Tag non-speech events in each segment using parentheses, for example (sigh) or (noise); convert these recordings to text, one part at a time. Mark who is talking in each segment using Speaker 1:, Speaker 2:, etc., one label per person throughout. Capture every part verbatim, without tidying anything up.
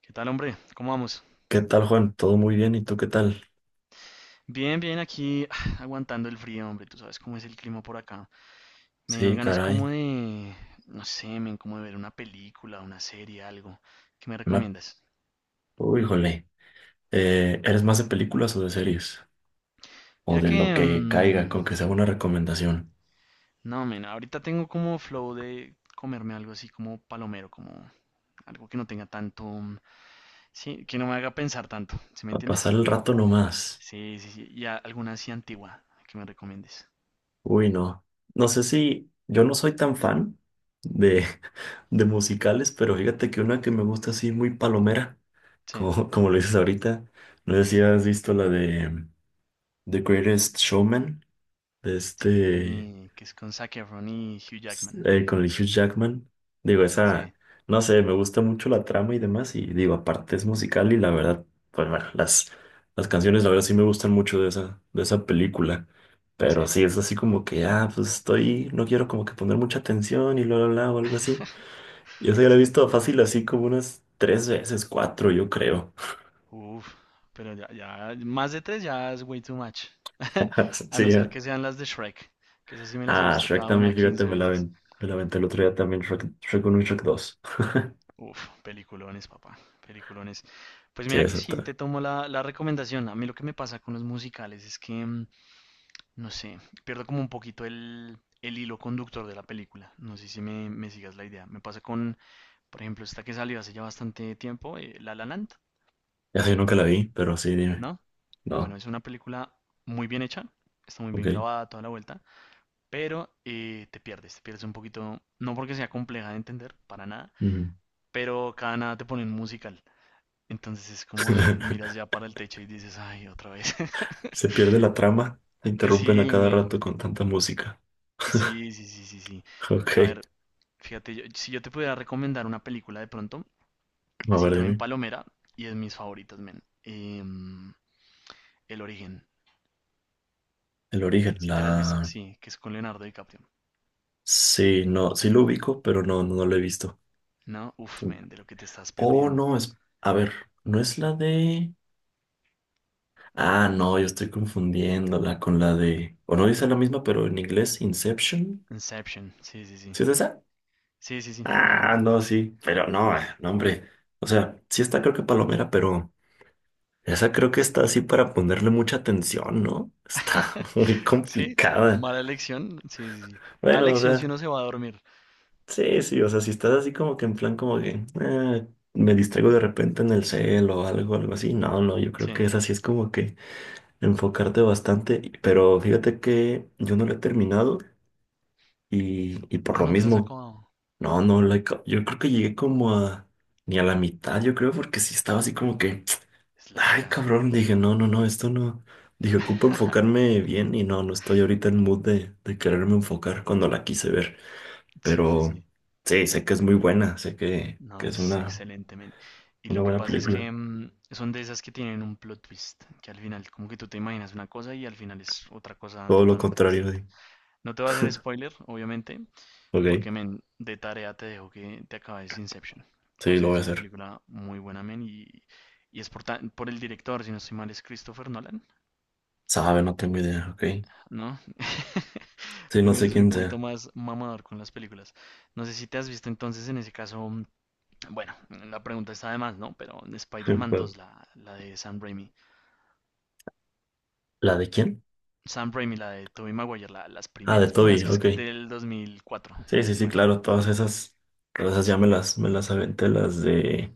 Speaker 1: ¿Qué tal, hombre? ¿Cómo vamos?
Speaker 2: ¿Qué tal, Juan? ¿Todo muy bien? ¿Y tú qué tal?
Speaker 1: Bien, bien, aquí (sighs) aguantando el frío, hombre. Tú sabes cómo es el clima por acá. Me dieron
Speaker 2: Sí,
Speaker 1: ganas como
Speaker 2: caray.
Speaker 1: de, no sé, men, como de ver una película, una serie, algo. ¿Qué me
Speaker 2: Me...
Speaker 1: recomiendas?
Speaker 2: Uy, jole. Eh, ¿eres más de películas o de series? O
Speaker 1: Mira
Speaker 2: de
Speaker 1: que,
Speaker 2: lo que caiga,
Speaker 1: mm,
Speaker 2: con que sea una recomendación.
Speaker 1: no, men, ahorita tengo como flow de comerme algo así como palomero, como algo que no tenga tanto, mm, sí, que no me haga pensar tanto, ¿sí me
Speaker 2: Para pasar
Speaker 1: entiendes?
Speaker 2: el rato nomás.
Speaker 1: Sí, sí, sí. Y a- alguna así antigua que me recomiendes.
Speaker 2: Uy, no. No sé si... Yo no soy tan fan de, (laughs) de musicales, pero fíjate que una que me gusta así muy palomera,
Speaker 1: Sí,
Speaker 2: como, (laughs) como lo dices ahorita. No sé si has visto la de The Greatest Showman, de este...
Speaker 1: sí, que es con Zac Efron y Hugh Jackman.
Speaker 2: eh, con el Hugh Jackman. Digo, esa,
Speaker 1: Sí,
Speaker 2: no sé, me gusta mucho la trama y demás. Y digo, aparte es musical y la verdad, pues bueno, las, las canciones la verdad sí me gustan mucho de esa, de esa película. Pero
Speaker 1: sí.
Speaker 2: sí, es así como que, ah, pues estoy, no quiero como que poner mucha atención y bla, bla, bla, o algo así. Yo se la he
Speaker 1: Sí,
Speaker 2: visto fácil así como unas tres veces, cuatro, yo creo.
Speaker 1: uff, pero ya, ya, más de tres ya es way too much. (laughs)
Speaker 2: (laughs)
Speaker 1: A no
Speaker 2: Sí,
Speaker 1: ser
Speaker 2: ya.
Speaker 1: que sean las de Shrek, que esas sí me las he
Speaker 2: Ah,
Speaker 1: visto
Speaker 2: Shrek
Speaker 1: cada una
Speaker 2: también, fíjate,
Speaker 1: quince
Speaker 2: me la
Speaker 1: veces.
Speaker 2: aven- me la aventé el otro día también, Shrek, Shrek uno y Shrek dos.
Speaker 1: Uf, peliculones, papá, peliculones. Pues
Speaker 2: Sí,
Speaker 1: mira que sí,
Speaker 2: exacto.
Speaker 1: te tomo la, la recomendación. A mí lo que me pasa con los musicales es que, mm, no sé, pierdo como un poquito el, el hilo conductor de la película. No sé si me, me sigas la idea. Me pasa con, por ejemplo, esta que salió hace ya bastante tiempo, eh, La La Land,
Speaker 2: Ya sé, yo nunca la vi, pero sí, dime.
Speaker 1: ¿no? Bueno,
Speaker 2: No.
Speaker 1: es una película muy bien hecha, está muy bien
Speaker 2: Ok.
Speaker 1: grabada toda la vuelta, pero eh, te pierdes, te pierdes un poquito, no porque sea compleja de entender, para nada,
Speaker 2: Ujú.
Speaker 1: pero cada nada te ponen musical. Entonces es como, (laughs) ah, miras
Speaker 2: (laughs)
Speaker 1: ya para el techo y dices, ay, otra vez. (laughs)
Speaker 2: Se pierde la trama, la interrumpen a
Speaker 1: Sí,
Speaker 2: cada
Speaker 1: men.
Speaker 2: rato con tanta música.
Speaker 1: Sí, sí, sí, sí, sí.
Speaker 2: Ok.
Speaker 1: A ver, fíjate, yo- si yo te pudiera recomendar una película de pronto,
Speaker 2: A
Speaker 1: así
Speaker 2: ver,
Speaker 1: también
Speaker 2: dime.
Speaker 1: palomera, y es mis favoritas, men. Em, El origen.
Speaker 2: El origen,
Speaker 1: ¿Sí te la has visto?
Speaker 2: la...
Speaker 1: Sí, que es con Leonardo DiCaprio.
Speaker 2: Sí, no, sí lo ubico, pero no, no, no lo he visto.
Speaker 1: No, uff, men, de lo que te estás
Speaker 2: Oh,
Speaker 1: perdiendo.
Speaker 2: no, es... A ver, ¿no es la de... Ah, no, yo estoy confundiéndola con la de... O no dice la misma, pero en inglés, Inception.
Speaker 1: Inception, sí, sí, sí.
Speaker 2: ¿Sí es esa?
Speaker 1: Sí, sí, sí, la
Speaker 2: Ah,
Speaker 1: misma.
Speaker 2: no, sí, pero no, eh, no, hombre. O sea, sí está creo que Palomera, pero... Esa creo que está así para ponerle mucha atención, ¿no? Está
Speaker 1: (laughs)
Speaker 2: (laughs) muy
Speaker 1: Sí,
Speaker 2: complicada.
Speaker 1: mala elección, sí, sí, sí. Mala
Speaker 2: Bueno, o
Speaker 1: elección si
Speaker 2: sea,
Speaker 1: uno se va a dormir.
Speaker 2: sí, sí, o sea, si estás así como que en plan como que "Ah, me distraigo de repente en el cel o algo, algo así. No, no, yo creo
Speaker 1: Sí.
Speaker 2: que esa sí es como que enfocarte bastante. y- Pero fíjate que yo no lo he terminado y, y por
Speaker 1: Ah,
Speaker 2: lo
Speaker 1: no te la has
Speaker 2: mismo,
Speaker 1: acabado.
Speaker 2: no, no, la he ca- yo creo que llegué como a ni a la mitad, yo creo, porque sí estaba así como que.
Speaker 1: Es
Speaker 2: Ay,
Speaker 1: larga.
Speaker 2: cabrón, dije, no, no, no, esto no. Dije, ocupo
Speaker 1: (laughs)
Speaker 2: enfocarme bien y no, no estoy ahorita en mood de, de, quererme enfocar cuando la quise ver.
Speaker 1: Sí, sí,
Speaker 2: Pero
Speaker 1: sí.
Speaker 2: sí, sé que es muy buena, sé que,
Speaker 1: No,
Speaker 2: que es
Speaker 1: es
Speaker 2: una,
Speaker 1: excelente, men. Y
Speaker 2: una
Speaker 1: lo que
Speaker 2: buena
Speaker 1: pasa es
Speaker 2: película.
Speaker 1: que mm, son de esas que tienen un plot twist, que al final, como que tú te imaginas una cosa y al final es otra cosa
Speaker 2: Todo lo
Speaker 1: totalmente
Speaker 2: contrario,
Speaker 1: distinta.
Speaker 2: de,
Speaker 1: No te voy a hacer spoiler, obviamente,
Speaker 2: ok,
Speaker 1: porque, men, de tarea te dejo que te acabes Inception. O
Speaker 2: sí,
Speaker 1: sea,
Speaker 2: lo voy
Speaker 1: es
Speaker 2: a
Speaker 1: una
Speaker 2: hacer.
Speaker 1: película muy buena, men, y, y es por, ta- por el director, si no estoy mal, es Christopher Nolan,
Speaker 2: Sabe, no tengo idea, ok.
Speaker 1: ¿no? (laughs)
Speaker 2: Sí, no sé
Speaker 1: Pues soy un
Speaker 2: quién
Speaker 1: poquito
Speaker 2: sea.
Speaker 1: más mamador con las películas. No sé si te has visto entonces en ese caso, mm, bueno, la pregunta está de más, ¿no? Pero
Speaker 2: (laughs)
Speaker 1: Spider-Man
Speaker 2: ¿Cuál?
Speaker 1: dos, la, la de Sam Raimi.
Speaker 2: ¿La de quién?
Speaker 1: Sam Raimi, la de Tobey Maguire, la- las
Speaker 2: Ah, de
Speaker 1: primeras, primeras
Speaker 2: Toby,
Speaker 1: que es
Speaker 2: ok.
Speaker 1: del dos mil cuatro, si no
Speaker 2: Sí, sí,
Speaker 1: estoy
Speaker 2: sí,
Speaker 1: mal.
Speaker 2: claro, todas esas, todas esas ya
Speaker 1: Sí,
Speaker 2: me
Speaker 1: men.
Speaker 2: las, me las aventé, las de,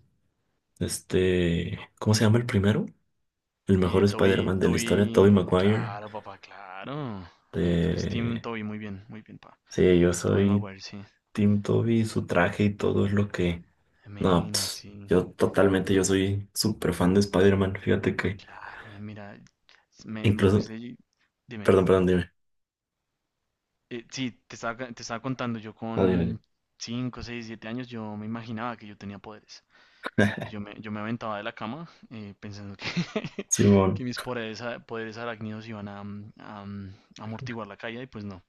Speaker 2: este, ¿cómo se llama el primero? El mejor
Speaker 1: Eh, Toby,
Speaker 2: Spider-Man de la historia, Tobey
Speaker 1: Toby,
Speaker 2: Maguire.
Speaker 1: claro, papá, claro. Me, tú eres Team
Speaker 2: Eh,
Speaker 1: Toby, muy bien, muy bien, papá.
Speaker 2: sí, yo
Speaker 1: Toby
Speaker 2: soy
Speaker 1: Maguire, sí.
Speaker 2: Team Tobey, su traje y todo es lo que... No,
Speaker 1: Men,
Speaker 2: pss,
Speaker 1: sí.
Speaker 2: yo totalmente, yo soy súper fan de Spider-Man. Fíjate que
Speaker 1: Claro, men, mira, me, me
Speaker 2: incluso...
Speaker 1: cuesta. y- Dime.
Speaker 2: Perdón, perdón, dime.
Speaker 1: Eh, sí, te estaba, ca- te estaba contando, yo
Speaker 2: No, dime, dime.
Speaker 1: con cinco, seis, siete años, yo me imaginaba que yo tenía poderes. Y
Speaker 2: (laughs)
Speaker 1: yo me, yo me aventaba de la cama eh, pensando que, (laughs)
Speaker 2: Simón.
Speaker 1: que mis poderes, a- poderes arácnidos iban a, mm, a, mm, amortiguar la caída y pues no.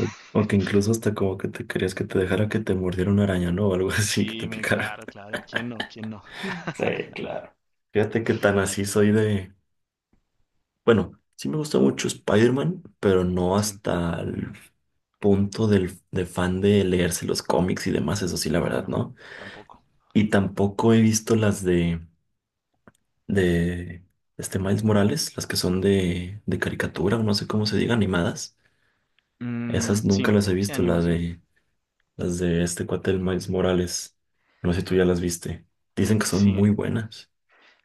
Speaker 2: O o que incluso hasta como que te querías que te dejara que te mordiera una araña, ¿no? O algo (laughs) así, que te
Speaker 1: Sí, me,
Speaker 2: picara.
Speaker 1: claro,
Speaker 2: (laughs)
Speaker 1: claro. ¿Quién no? ¿Quién no?
Speaker 2: Sí, claro. Fíjate que tan así soy de... Bueno, sí me gusta mucho Spider-Man, pero no
Speaker 1: Sí.
Speaker 2: hasta el punto del, de fan de leerse los cómics y demás, eso sí, la
Speaker 1: Ah,
Speaker 2: verdad,
Speaker 1: no,
Speaker 2: ¿no?
Speaker 1: tampoco.
Speaker 2: Y tampoco he visto las de, de este Miles Morales, las que son de, de caricatura, o no sé cómo se diga, animadas.
Speaker 1: Mm,
Speaker 2: Esas nunca
Speaker 1: sí,
Speaker 2: las he
Speaker 1: sí,
Speaker 2: visto, la
Speaker 1: animación.
Speaker 2: de, las de este cuate del Miles Morales. No sé si tú ya las viste. Dicen que son muy
Speaker 1: Sí.
Speaker 2: buenas.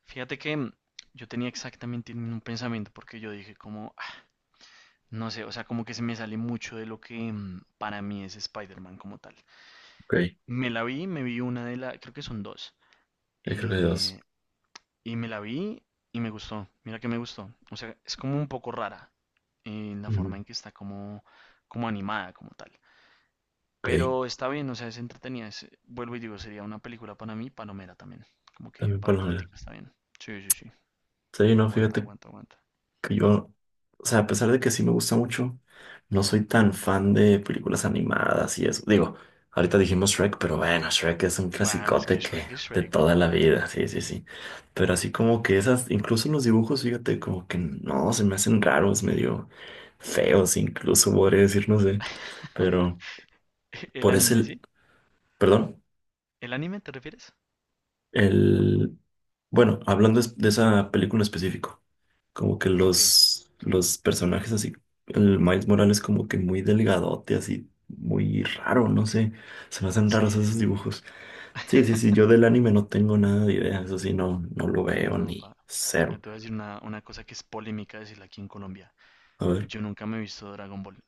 Speaker 1: Fíjate que mm, yo tenía exactamente el mismo pensamiento porque yo dije como, "Ah, no sé, o sea, como que se me sale mucho de lo que mm, para mí es Spider-Man como tal.
Speaker 2: Ok,
Speaker 1: Me la vi, me vi una de las, creo que son dos.
Speaker 2: yo creo que hay dos.
Speaker 1: eh, y me la vi y me gustó. Mira que me gustó. O sea, es como un poco rara eh, la
Speaker 2: Ujú.
Speaker 1: forma en que está como, como animada como tal.
Speaker 2: Ok,
Speaker 1: Pero está bien, o sea, es entretenida. Es- vuelvo y digo, sería una película para mí, palomera también. Como que
Speaker 2: también
Speaker 1: para el
Speaker 2: para la...
Speaker 1: ratico está bien. Sí, sí, sí.
Speaker 2: Sí, no,
Speaker 1: Aguanta,
Speaker 2: fíjate
Speaker 1: aguanta, aguanta.
Speaker 2: que yo, o sea, a pesar de que sí me gusta mucho, no soy tan fan de películas animadas y eso. Digo, ahorita dijimos Shrek, pero bueno, Shrek es un
Speaker 1: Bah, pues que
Speaker 2: clasicote que
Speaker 1: Shrek es
Speaker 2: de
Speaker 1: Shrek,
Speaker 2: toda la
Speaker 1: papá.
Speaker 2: vida, sí, sí, sí. Pero así como que esas, incluso los dibujos, fíjate, como que no, se me hacen raros, medio feos, incluso podría decir, no sé. Pero
Speaker 1: (laughs) El
Speaker 2: por
Speaker 1: anime,
Speaker 2: ese,
Speaker 1: ¿sí?
Speaker 2: perdón,
Speaker 1: ¿El anime te refieres?
Speaker 2: el, bueno, hablando es- de esa película en específico. Como que
Speaker 1: Ok.
Speaker 2: los, los, personajes así, el Miles Morales como que muy delgadote, así muy raro, no sé, se me hacen raros
Speaker 1: Sí, sí,
Speaker 2: esos
Speaker 1: sí.
Speaker 2: dibujos. Sí, sí, sí,
Speaker 1: (laughs)
Speaker 2: yo del anime no tengo nada de idea, eso sí, no, no lo veo
Speaker 1: No,
Speaker 2: ni
Speaker 1: pa. ah,
Speaker 2: cero.
Speaker 1: Te voy a decir una, una cosa que es polémica decirla aquí en Colombia.
Speaker 2: A ver,
Speaker 1: Yo nunca me he visto Dragon Ball.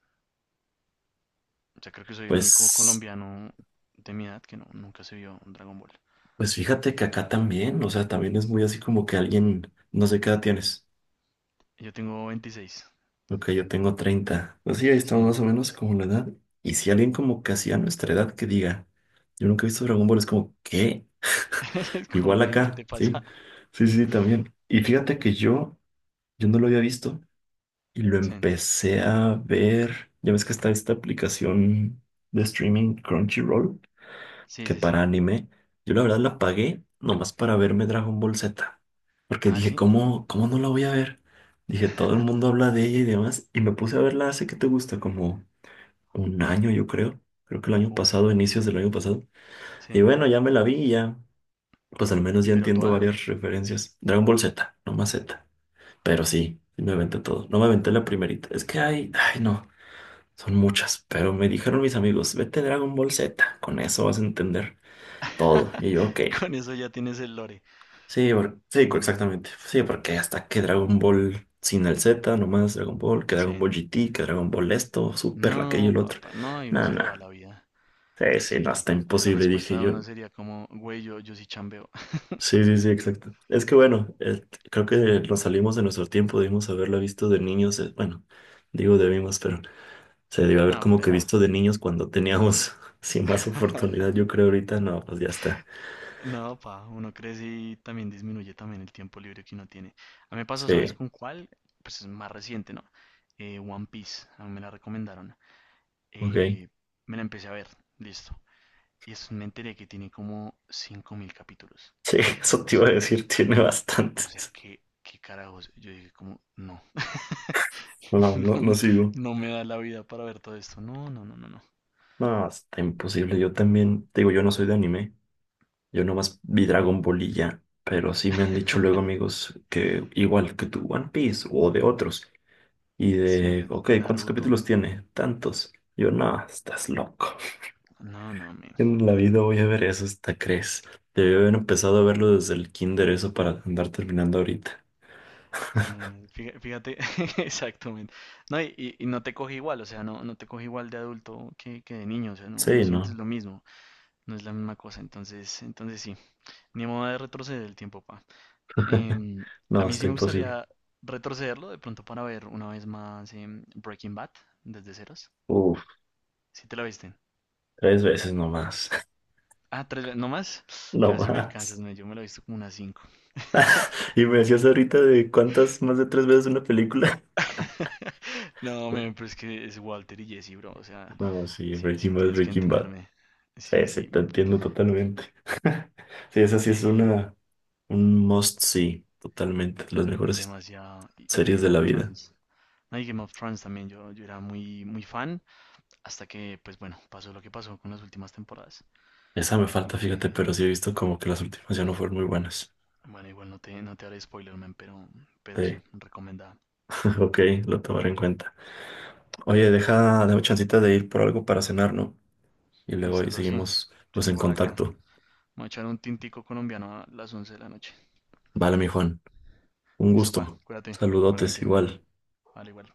Speaker 1: O sea, creo que soy el único
Speaker 2: pues,
Speaker 1: colombiano de mi edad que no, nunca se vio Dragon Ball.
Speaker 2: pues fíjate que acá también, o sea, también es muy así como que alguien, no sé qué edad tienes.
Speaker 1: Yo tengo veintiséis.
Speaker 2: Ok, yo tengo treinta. Pues sí, ahí
Speaker 1: Sí.
Speaker 2: estamos más o menos como la edad. Y si alguien como casi a nuestra edad que diga, yo nunca he visto Dragon Ball, es como, ¿qué?
Speaker 1: (laughs) Es como,
Speaker 2: Igual
Speaker 1: men, ¿qué
Speaker 2: acá,
Speaker 1: te
Speaker 2: sí.
Speaker 1: pasa?
Speaker 2: Sí, sí, también. Y fíjate que yo, yo no lo había visto y lo
Speaker 1: Sí,
Speaker 2: empecé a ver. Ya ves que está esta aplicación de streaming Crunchyroll,
Speaker 1: sí,
Speaker 2: que
Speaker 1: sí. Sí.
Speaker 2: para anime, yo la verdad la pagué nomás para verme Dragon Ball Z. Porque
Speaker 1: Ah,
Speaker 2: dije,
Speaker 1: sí.
Speaker 2: ¿cómo, cómo no la voy a ver? Dije, todo el mundo
Speaker 1: (laughs)
Speaker 2: habla de ella y demás. Y me puse a verla hace que te gusta, como un año, yo creo. Creo que el año
Speaker 1: Uf,
Speaker 2: pasado, inicios del año pasado. Y
Speaker 1: sí.
Speaker 2: bueno, ya me la vi y ya. Pues al menos
Speaker 1: Uy,
Speaker 2: ya
Speaker 1: pero
Speaker 2: entiendo
Speaker 1: toda.
Speaker 2: varias referencias. Dragon Ball Z, no más Z. Pero sí, sí me aventé todo. No me aventé la primerita. Es que hay, ay no, son muchas. Pero me dijeron mis amigos, vete Dragon Ball Z, con eso vas a entender todo.
Speaker 1: (laughs)
Speaker 2: Y yo, ok.
Speaker 1: Con eso ya tienes el lore.
Speaker 2: Sí, por- sí, co-
Speaker 1: No, men.
Speaker 2: exactamente. Sí, porque hasta que Dragon Ball sin el Z, nomás Dragon Ball, que
Speaker 1: Sí.
Speaker 2: Dragon Ball G T, que Dragon Ball esto, Super, aquello,
Speaker 1: No,
Speaker 2: el otro.
Speaker 1: papá, no, ahí uno
Speaker 2: No,
Speaker 1: se
Speaker 2: no.
Speaker 1: le va la vida.
Speaker 2: Sí, sí, no,
Speaker 1: Sí,
Speaker 2: está
Speaker 1: ahí la
Speaker 2: imposible,
Speaker 1: respuesta
Speaker 2: dije
Speaker 1: de
Speaker 2: yo.
Speaker 1: uno sería como, güey, yo, yo sí chambeo.
Speaker 2: Sí,
Speaker 1: (laughs)
Speaker 2: sí, sí, exacto. Es que bueno, eh, creo que nos salimos de nuestro tiempo, debimos haberla visto de niños, eh, bueno, digo debimos, pero se debió haber
Speaker 1: No,
Speaker 2: como
Speaker 1: pero
Speaker 2: que
Speaker 1: ya.
Speaker 2: visto de niños cuando teníamos (laughs) sin más
Speaker 1: (laughs)
Speaker 2: oportunidad, yo creo ahorita no, pues ya está.
Speaker 1: No, pa, uno crece y también disminuye también el tiempo libre que uno tiene. A mí me pasó, ¿sabes
Speaker 2: Sí,
Speaker 1: con cuál? Pues es más reciente, ¿no? Eh, One Piece, a mí me la recomendaron.
Speaker 2: ok.
Speaker 1: eh, Me la empecé a ver, listo. Y es, me enteré que tiene como cinco mil capítulos
Speaker 2: Sí, (laughs)
Speaker 1: o
Speaker 2: eso
Speaker 1: algo
Speaker 2: te iba a
Speaker 1: así.
Speaker 2: decir, tiene
Speaker 1: O sea,
Speaker 2: bastantes.
Speaker 1: que qué carajos. Yo dije como, no.
Speaker 2: No,
Speaker 1: (laughs)
Speaker 2: no, no
Speaker 1: no,
Speaker 2: sigo.
Speaker 1: no me da la vida para ver todo esto. No, no, no, no, no.
Speaker 2: No, está imposible. Yo también, te digo, yo no soy de anime, yo nomás vi Dragon Ball y ya, pero sí me han dicho luego amigos que igual que tu One Piece o de otros. Y de,
Speaker 1: Sí,
Speaker 2: ok, ¿cuántos
Speaker 1: Naruto.
Speaker 2: capítulos tiene? Tantos. Yo, no, estás loco. (laughs)
Speaker 1: No, no, men,
Speaker 2: En la
Speaker 1: no, no,
Speaker 2: vida
Speaker 1: no.
Speaker 2: voy a ver eso, hasta crees. Debí haber empezado a verlo desde el kinder, eso para andar terminando ahorita.
Speaker 1: No, no, fíjate, fíjate, (laughs) exactamente. No, y, y- y no te coge igual, o sea, no, no te coge igual de adulto que, que de niño, o sea, no, no
Speaker 2: Sí,
Speaker 1: sientes
Speaker 2: no,
Speaker 1: lo mismo, no es la misma cosa, entonces, entonces sí, ni modo de retroceder el tiempo, pa. Em, a
Speaker 2: no,
Speaker 1: mí sí
Speaker 2: está
Speaker 1: me
Speaker 2: imposible.
Speaker 1: gustaría retrocederlo de pronto para ver una vez más em, Breaking Bad desde ceros.
Speaker 2: Uf,
Speaker 1: Si te la viste.
Speaker 2: tres veces nomás,
Speaker 1: Ah, tres veces, no más.
Speaker 2: (laughs) no
Speaker 1: Casi me alcanzas,
Speaker 2: más.
Speaker 1: no, yo me la he visto como unas cinco.
Speaker 2: Y me decías ahorita de cuántas más de tres veces una película.
Speaker 1: (laughs) No, men,
Speaker 2: (laughs)
Speaker 1: pero es que es Walter y Jesse, bro. O sea,
Speaker 2: No, sí,
Speaker 1: sí, sí,
Speaker 2: Breaking Bad,
Speaker 1: tienes que
Speaker 2: Breaking Bad.
Speaker 1: entenderme.
Speaker 2: Sí,
Speaker 1: Sí,
Speaker 2: sí,
Speaker 1: sí.
Speaker 2: te entiendo totalmente. (laughs) Sí, esa sí es
Speaker 1: Eh,
Speaker 2: una, un must see, totalmente. Las mejores
Speaker 1: Demasiado. Y y
Speaker 2: series de
Speaker 1: Game of
Speaker 2: la vida.
Speaker 1: Thrones. No, y Game of Thrones también. Yo, yo era muy, muy fan. Hasta que, pues bueno, pasó lo que pasó con las últimas temporadas.
Speaker 2: Esa me falta, fíjate,
Speaker 1: Eh,
Speaker 2: pero sí he visto como que las últimas ya no fueron muy buenas.
Speaker 1: Bueno, igual no te, no te haré spoiler, man, pero, pero sí,
Speaker 2: Sí,
Speaker 1: recomendada.
Speaker 2: (laughs) ok, lo tomaré en cuenta. Oye, deja, dame chancita de ir por algo para cenar, ¿no? Y
Speaker 1: Y
Speaker 2: luego ahí
Speaker 1: solo sí.
Speaker 2: seguimos
Speaker 1: Sí,
Speaker 2: pues en
Speaker 1: igual acá.
Speaker 2: contacto.
Speaker 1: Vamos a echar un tintico colombiano a las once de la noche.
Speaker 2: Vale, mi Juan, un
Speaker 1: Listo, pa,
Speaker 2: gusto.
Speaker 1: cuídate,
Speaker 2: Saludotes
Speaker 1: igualmente.
Speaker 2: igual.
Speaker 1: Vale, igual.